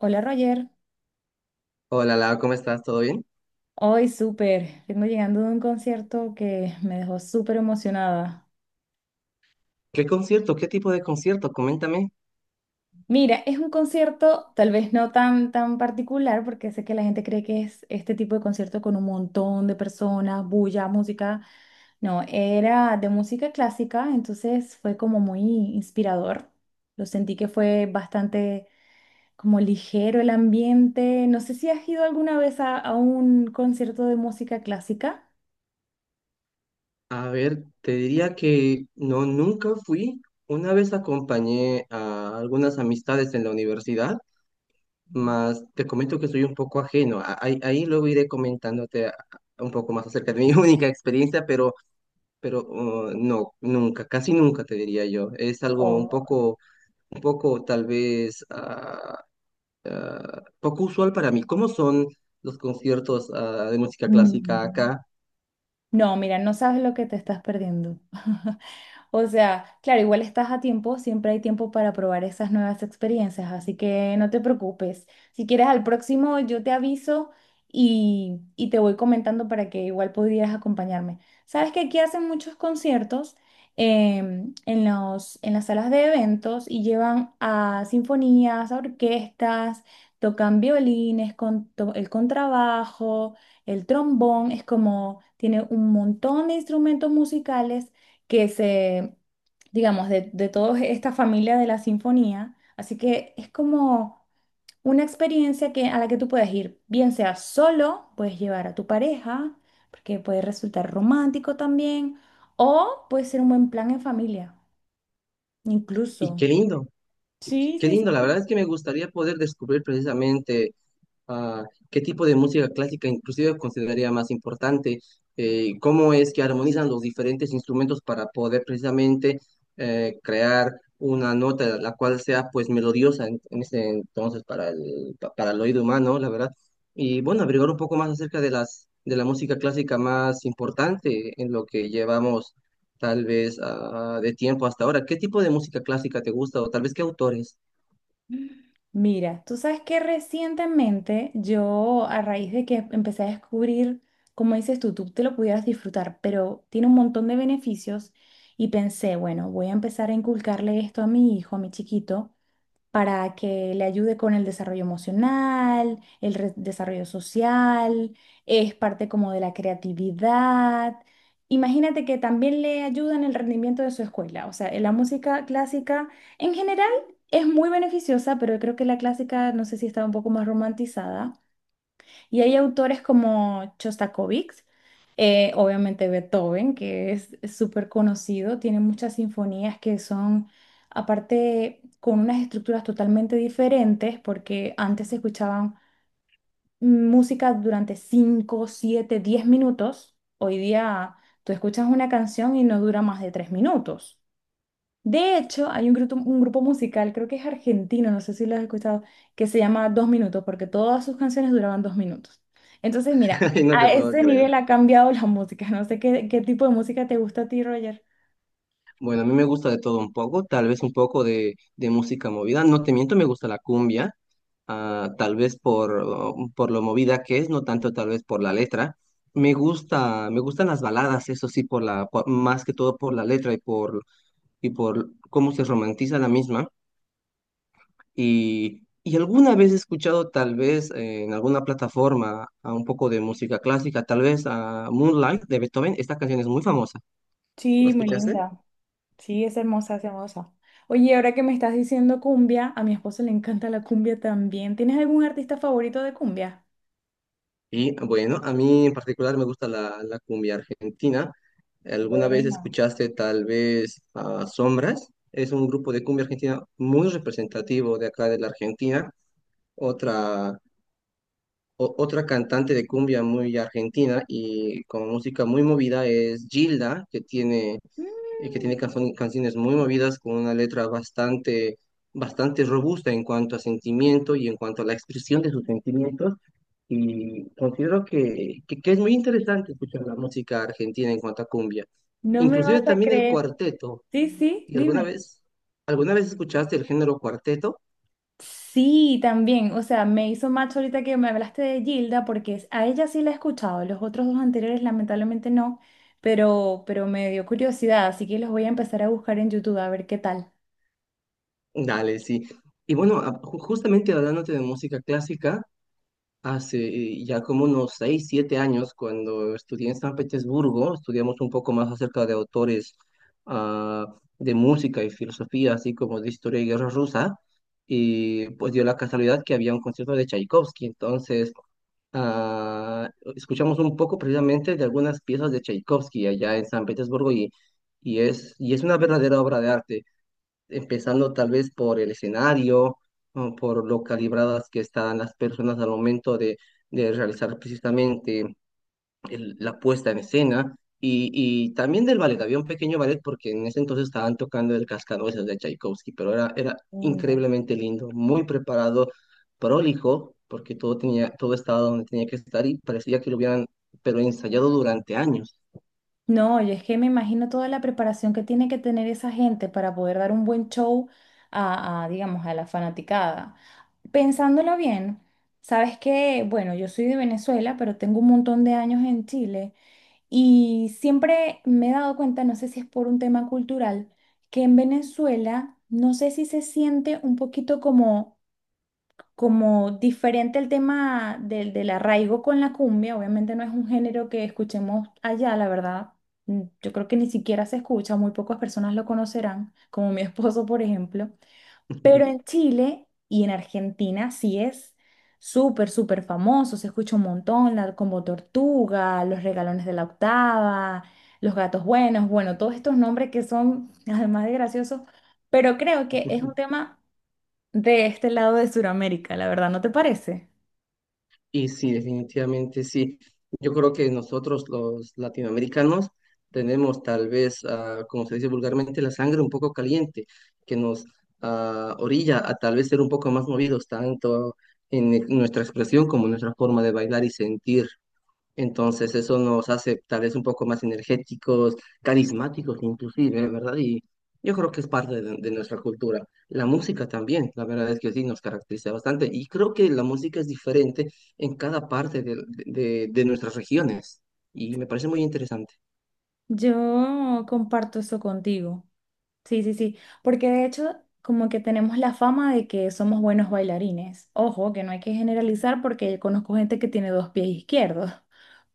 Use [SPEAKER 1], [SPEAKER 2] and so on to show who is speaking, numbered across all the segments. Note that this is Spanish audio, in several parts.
[SPEAKER 1] Hola, Roger,
[SPEAKER 2] Hola, Lau, ¿cómo estás? ¿Todo bien?
[SPEAKER 1] hoy súper, vengo llegando de un concierto que me dejó súper emocionada.
[SPEAKER 2] ¿Qué concierto? ¿Qué tipo de concierto? Coméntame.
[SPEAKER 1] Mira, es un concierto tal vez no tan particular porque sé que la gente cree que es este tipo de concierto con un montón de personas, bulla, música. No, era de música clásica, entonces fue como muy inspirador. Lo sentí que fue bastante como ligero el ambiente. No sé si has ido alguna vez a un concierto de música clásica.
[SPEAKER 2] A ver, te diría que no, nunca fui. Una vez acompañé a algunas amistades en la universidad, mas te comento que soy un poco ajeno. Ahí, luego iré comentándote un poco más acerca de mi única experiencia, pero pero no, nunca, casi nunca te diría yo. Es algo
[SPEAKER 1] Oh.
[SPEAKER 2] un poco tal vez poco usual para mí. ¿Cómo son los conciertos de música clásica
[SPEAKER 1] Mm.
[SPEAKER 2] acá?
[SPEAKER 1] No, mira, no sabes lo que te estás perdiendo. O sea, claro, igual estás a tiempo, siempre hay tiempo para probar esas nuevas experiencias, así que no te preocupes. Si quieres al próximo, yo te aviso y te voy comentando para que igual pudieras acompañarme. Sabes que aquí hacen muchos conciertos en en las salas de eventos y llevan a sinfonías, a orquestas, tocan violines, el contrabajo, el trombón, es como, tiene un montón de instrumentos musicales que se, digamos, de toda esta familia de la sinfonía. Así que es como una experiencia que, a la que tú puedes ir, bien sea solo, puedes llevar a tu pareja, porque puede resultar romántico también, o puede ser un buen plan en familia,
[SPEAKER 2] Y
[SPEAKER 1] incluso.
[SPEAKER 2] qué lindo,
[SPEAKER 1] Sí,
[SPEAKER 2] qué
[SPEAKER 1] sí,
[SPEAKER 2] lindo. La
[SPEAKER 1] sí.
[SPEAKER 2] verdad es que me gustaría poder descubrir precisamente Ah, ¿Qué tipo de música clásica inclusive consideraría más importante? ¿Cómo es que armonizan los diferentes instrumentos para poder precisamente crear una nota la cual sea pues melodiosa en ese entonces para para el oído humano, la verdad? Y bueno, averiguar un poco más acerca de las de la música clásica más importante en lo que llevamos tal vez de tiempo hasta ahora. ¿Qué tipo de música clásica te gusta o tal vez qué autores?
[SPEAKER 1] Mira, tú sabes que recientemente yo, a raíz de que empecé a descubrir, como dices tú, te lo pudieras disfrutar, pero tiene un montón de beneficios y pensé, bueno, voy a empezar a inculcarle esto a mi hijo, a mi chiquito para que le ayude con el desarrollo emocional, el desarrollo social, es parte como de la creatividad. Imagínate que también le ayuda en el rendimiento de su escuela. O sea, la música clásica en general es muy beneficiosa, pero creo que la clásica, no sé si está un poco más romantizada. Y hay autores como Chostakovich, obviamente Beethoven, que es súper conocido, tiene muchas sinfonías que son, aparte, con unas estructuras totalmente diferentes, porque antes se escuchaban música durante 5 7 10 minutos. Hoy día tú escuchas una canción y no dura más de 3 minutos. De hecho, hay un grupo musical, creo que es argentino, no sé si lo has escuchado, que se llama Dos Minutos, porque todas sus canciones duraban 2 minutos. Entonces, mira,
[SPEAKER 2] No te
[SPEAKER 1] a
[SPEAKER 2] puedo
[SPEAKER 1] ese
[SPEAKER 2] creer.
[SPEAKER 1] nivel ha cambiado la música. No sé qué, qué tipo de música te gusta a ti, Roger.
[SPEAKER 2] Bueno, a mí me gusta de todo un poco, tal vez un poco de música movida. No te miento, me gusta la cumbia, tal vez por lo movida que es, no tanto tal vez por la letra. Me gustan las baladas, eso sí, por más que todo por la letra y por cómo se romantiza la misma. Y alguna vez he escuchado tal vez en alguna plataforma a un poco de música clásica, tal vez a Moonlight de Beethoven. Esta canción es muy famosa. ¿La
[SPEAKER 1] Sí, muy
[SPEAKER 2] escuchaste?
[SPEAKER 1] linda. Sí, es hermosa, es hermosa. Oye, ahora que me estás diciendo cumbia, a mi esposo le encanta la cumbia también. ¿Tienes algún artista favorito de cumbia?
[SPEAKER 2] Y bueno, a mí en particular me gusta la cumbia argentina. ¿Alguna vez
[SPEAKER 1] Bueno.
[SPEAKER 2] escuchaste tal vez a Sombras? Es un grupo de cumbia argentina muy representativo de acá de la Argentina. Otra, Otra cantante de cumbia muy argentina y con música muy movida es Gilda, que tiene
[SPEAKER 1] Mm,
[SPEAKER 2] canciones muy movidas con una letra bastante robusta en cuanto a sentimiento y en cuanto a la expresión de sus sentimientos. Y considero que es muy interesante escuchar la música argentina en cuanto a cumbia.
[SPEAKER 1] no me
[SPEAKER 2] Inclusive
[SPEAKER 1] vas a
[SPEAKER 2] también el
[SPEAKER 1] creer.
[SPEAKER 2] cuarteto.
[SPEAKER 1] Sí, sí,
[SPEAKER 2] ¿Y alguna
[SPEAKER 1] dime.
[SPEAKER 2] alguna vez escuchaste el género cuarteto?
[SPEAKER 1] Sí, también, o sea, me hizo match ahorita que me hablaste de Gilda, porque a ella sí la he escuchado, los otros dos anteriores lamentablemente no, pero me dio curiosidad, así que los voy a empezar a buscar en YouTube a ver qué tal.
[SPEAKER 2] Dale, sí. Y bueno, justamente hablándote de música clásica, hace ya como unos 6, 7 años, cuando estudié en San Petersburgo, estudiamos un poco más acerca de autores ah, de música y filosofía, así como de historia y guerra rusa, y pues dio la casualidad que había un concierto de Tchaikovsky, entonces ah, escuchamos un poco precisamente de algunas piezas de Tchaikovsky allá en San Petersburgo y es una verdadera obra de arte empezando tal vez por el escenario, o por lo calibradas que están las personas al momento de realizar precisamente la puesta en escena. Y también del ballet, había un pequeño ballet porque en ese entonces estaban tocando el Cascanueces de Tchaikovsky, era
[SPEAKER 1] Lindo.
[SPEAKER 2] increíblemente lindo, muy preparado, prolijo, porque todo tenía, todo estaba donde tenía que estar y parecía que lo pero ensayado durante años.
[SPEAKER 1] No, yo es que me imagino toda la preparación que tiene que tener esa gente para poder dar un buen show digamos, a la fanaticada. Pensándolo bien, sabes que, bueno, yo soy de Venezuela, pero tengo un montón de años en Chile. Y siempre me he dado cuenta, no sé si es por un tema cultural, que en Venezuela no sé si se siente un poquito como, como diferente el tema del arraigo con la cumbia. Obviamente no es un género que escuchemos allá, la verdad. Mm. Yo creo que ni siquiera se escucha, muy pocas personas lo conocerán, como mi esposo, por ejemplo. Pero en Chile y en Argentina sí es súper famoso, se escucha un montón, la Combo Tortuga, los Regalones de la Octava, los Gatos Buenos, bueno, todos estos nombres que son, además de graciosos, pero creo que es un tema de este lado de Sudamérica, la verdad, ¿no te parece?
[SPEAKER 2] Y sí, definitivamente sí. Yo creo que nosotros los latinoamericanos tenemos tal vez, como se dice vulgarmente, la sangre un poco caliente, que nos orilla a tal vez ser un poco más movidos, tanto en nuestra expresión como en nuestra forma de bailar y sentir. Entonces eso nos hace tal vez un poco más energéticos, carismáticos inclusive, ¿verdad? Y yo creo que es parte de nuestra cultura. La música también, la verdad es que sí, nos caracteriza bastante. Y creo que la música es diferente en cada parte de nuestras regiones. Y me parece muy interesante.
[SPEAKER 1] Yo comparto eso contigo. Sí, sí, sí, porque de hecho como que tenemos la fama de que somos buenos bailarines. Ojo, que no hay que generalizar porque conozco gente que tiene dos pies izquierdos.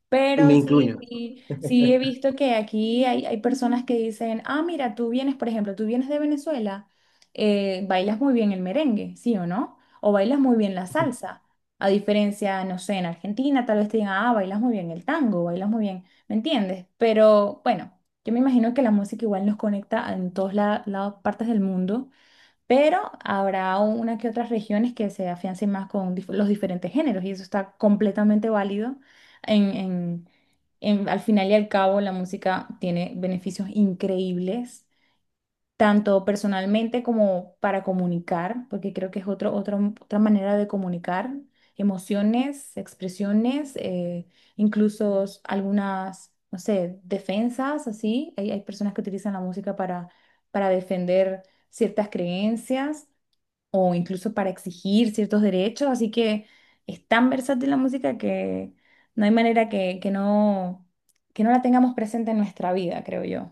[SPEAKER 1] Pero
[SPEAKER 2] Me
[SPEAKER 1] sí,
[SPEAKER 2] incluyo.
[SPEAKER 1] sí, sí, he visto que aquí hay personas que dicen, ah, mira, tú vienes, por ejemplo, tú vienes de Venezuela, bailas muy bien el merengue, ¿sí o no? O bailas muy bien la salsa. A diferencia, no sé, en Argentina tal vez te digan, ah, bailas muy bien el tango, bailas muy bien, ¿me entiendes? Pero bueno, yo me imagino que la música igual nos conecta en todas las partes del mundo, pero habrá una que otras regiones que se afiancen más con los diferentes géneros y eso está completamente válido. En, en- Al final y al cabo, la música tiene beneficios increíbles, tanto personalmente como para comunicar, porque creo que es otra manera de comunicar emociones, expresiones, incluso algunas, no sé, defensas, así. Hay personas que utilizan la música para defender ciertas creencias o incluso para exigir ciertos derechos, así que es tan versátil la música que no hay manera que no la tengamos presente en nuestra vida, creo yo.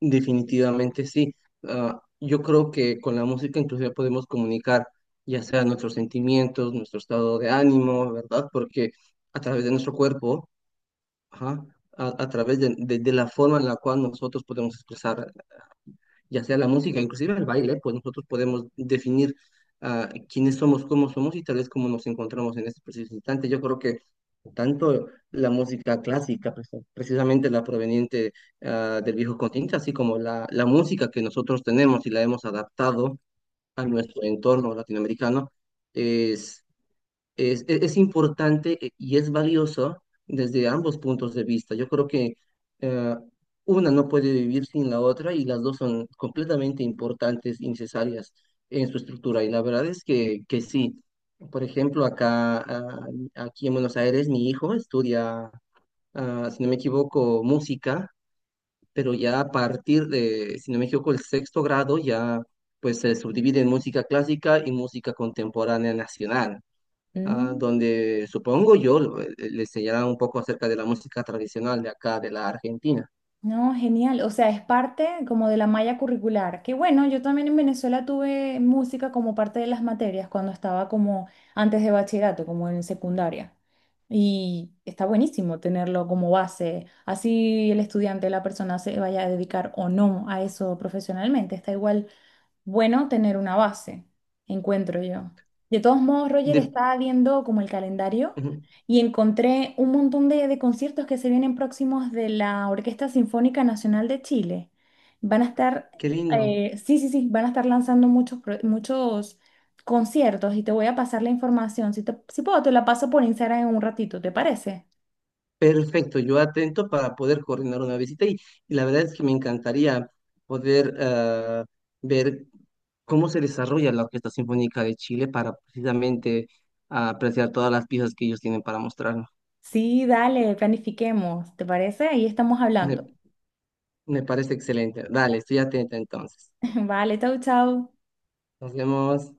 [SPEAKER 2] Definitivamente sí. Ah, yo creo que con la música inclusive podemos comunicar ya sea nuestros sentimientos, nuestro estado de ánimo, ¿verdad? Porque a través de nuestro cuerpo, ajá, a través de la forma en la cual nosotros podemos expresar, ya sea la música, inclusive el baile, pues nosotros podemos definir quiénes somos, cómo somos y tal vez cómo nos encontramos en este preciso instante. Yo creo que tanto la música clásica, pues, precisamente la proveniente del viejo continente, así como la música que nosotros tenemos y la hemos adaptado a nuestro entorno latinoamericano, es importante y es valioso desde ambos puntos de vista. Yo creo que eh, una no puede vivir sin la otra y las dos son completamente importantes y necesarias en su estructura. Y la verdad es que sí. Por ejemplo, acá, aquí en Buenos Aires, mi hijo estudia, ah, si no me equivoco, música, pero ya a partir de, si no me equivoco, el sexto grado ya pues se subdivide en música clásica y música contemporánea nacional
[SPEAKER 1] Mm,
[SPEAKER 2] donde supongo yo le enseñarán un poco acerca de la música tradicional de acá, de la Argentina.
[SPEAKER 1] no, genial, o sea, es parte como de la malla curricular, que bueno, yo también en Venezuela tuve música como parte de las materias cuando estaba como antes de bachillerato, como en secundaria. Y está buenísimo tenerlo como base. Así el estudiante, la persona se vaya a dedicar o no a eso profesionalmente. Está igual bueno tener una base, encuentro yo. De todos modos, Roger,
[SPEAKER 2] De-
[SPEAKER 1] estaba viendo como el calendario
[SPEAKER 2] Ujú,
[SPEAKER 1] y encontré un montón de conciertos que se vienen próximos de la Orquesta Sinfónica Nacional de Chile. Van a estar,
[SPEAKER 2] Qué lindo.
[SPEAKER 1] sí, sí, sí, van a estar lanzando muchos, muchos conciertos y te voy a pasar la información. Si, si puedo, te la paso por Instagram en un ratito, ¿te parece?
[SPEAKER 2] Perfecto, yo atento para poder coordinar una visita y la verdad es que me encantaría poder ver cómo se desarrolla la Orquesta Sinfónica de Chile para precisamente apreciar todas las piezas que ellos tienen para mostrarnos.
[SPEAKER 1] Sí, dale, planifiquemos, ¿te parece? Ahí estamos
[SPEAKER 2] Me,
[SPEAKER 1] hablando.
[SPEAKER 2] me parece excelente. Dale, estoy atenta entonces.
[SPEAKER 1] Vale, chau, chau.
[SPEAKER 2] Nos vemos.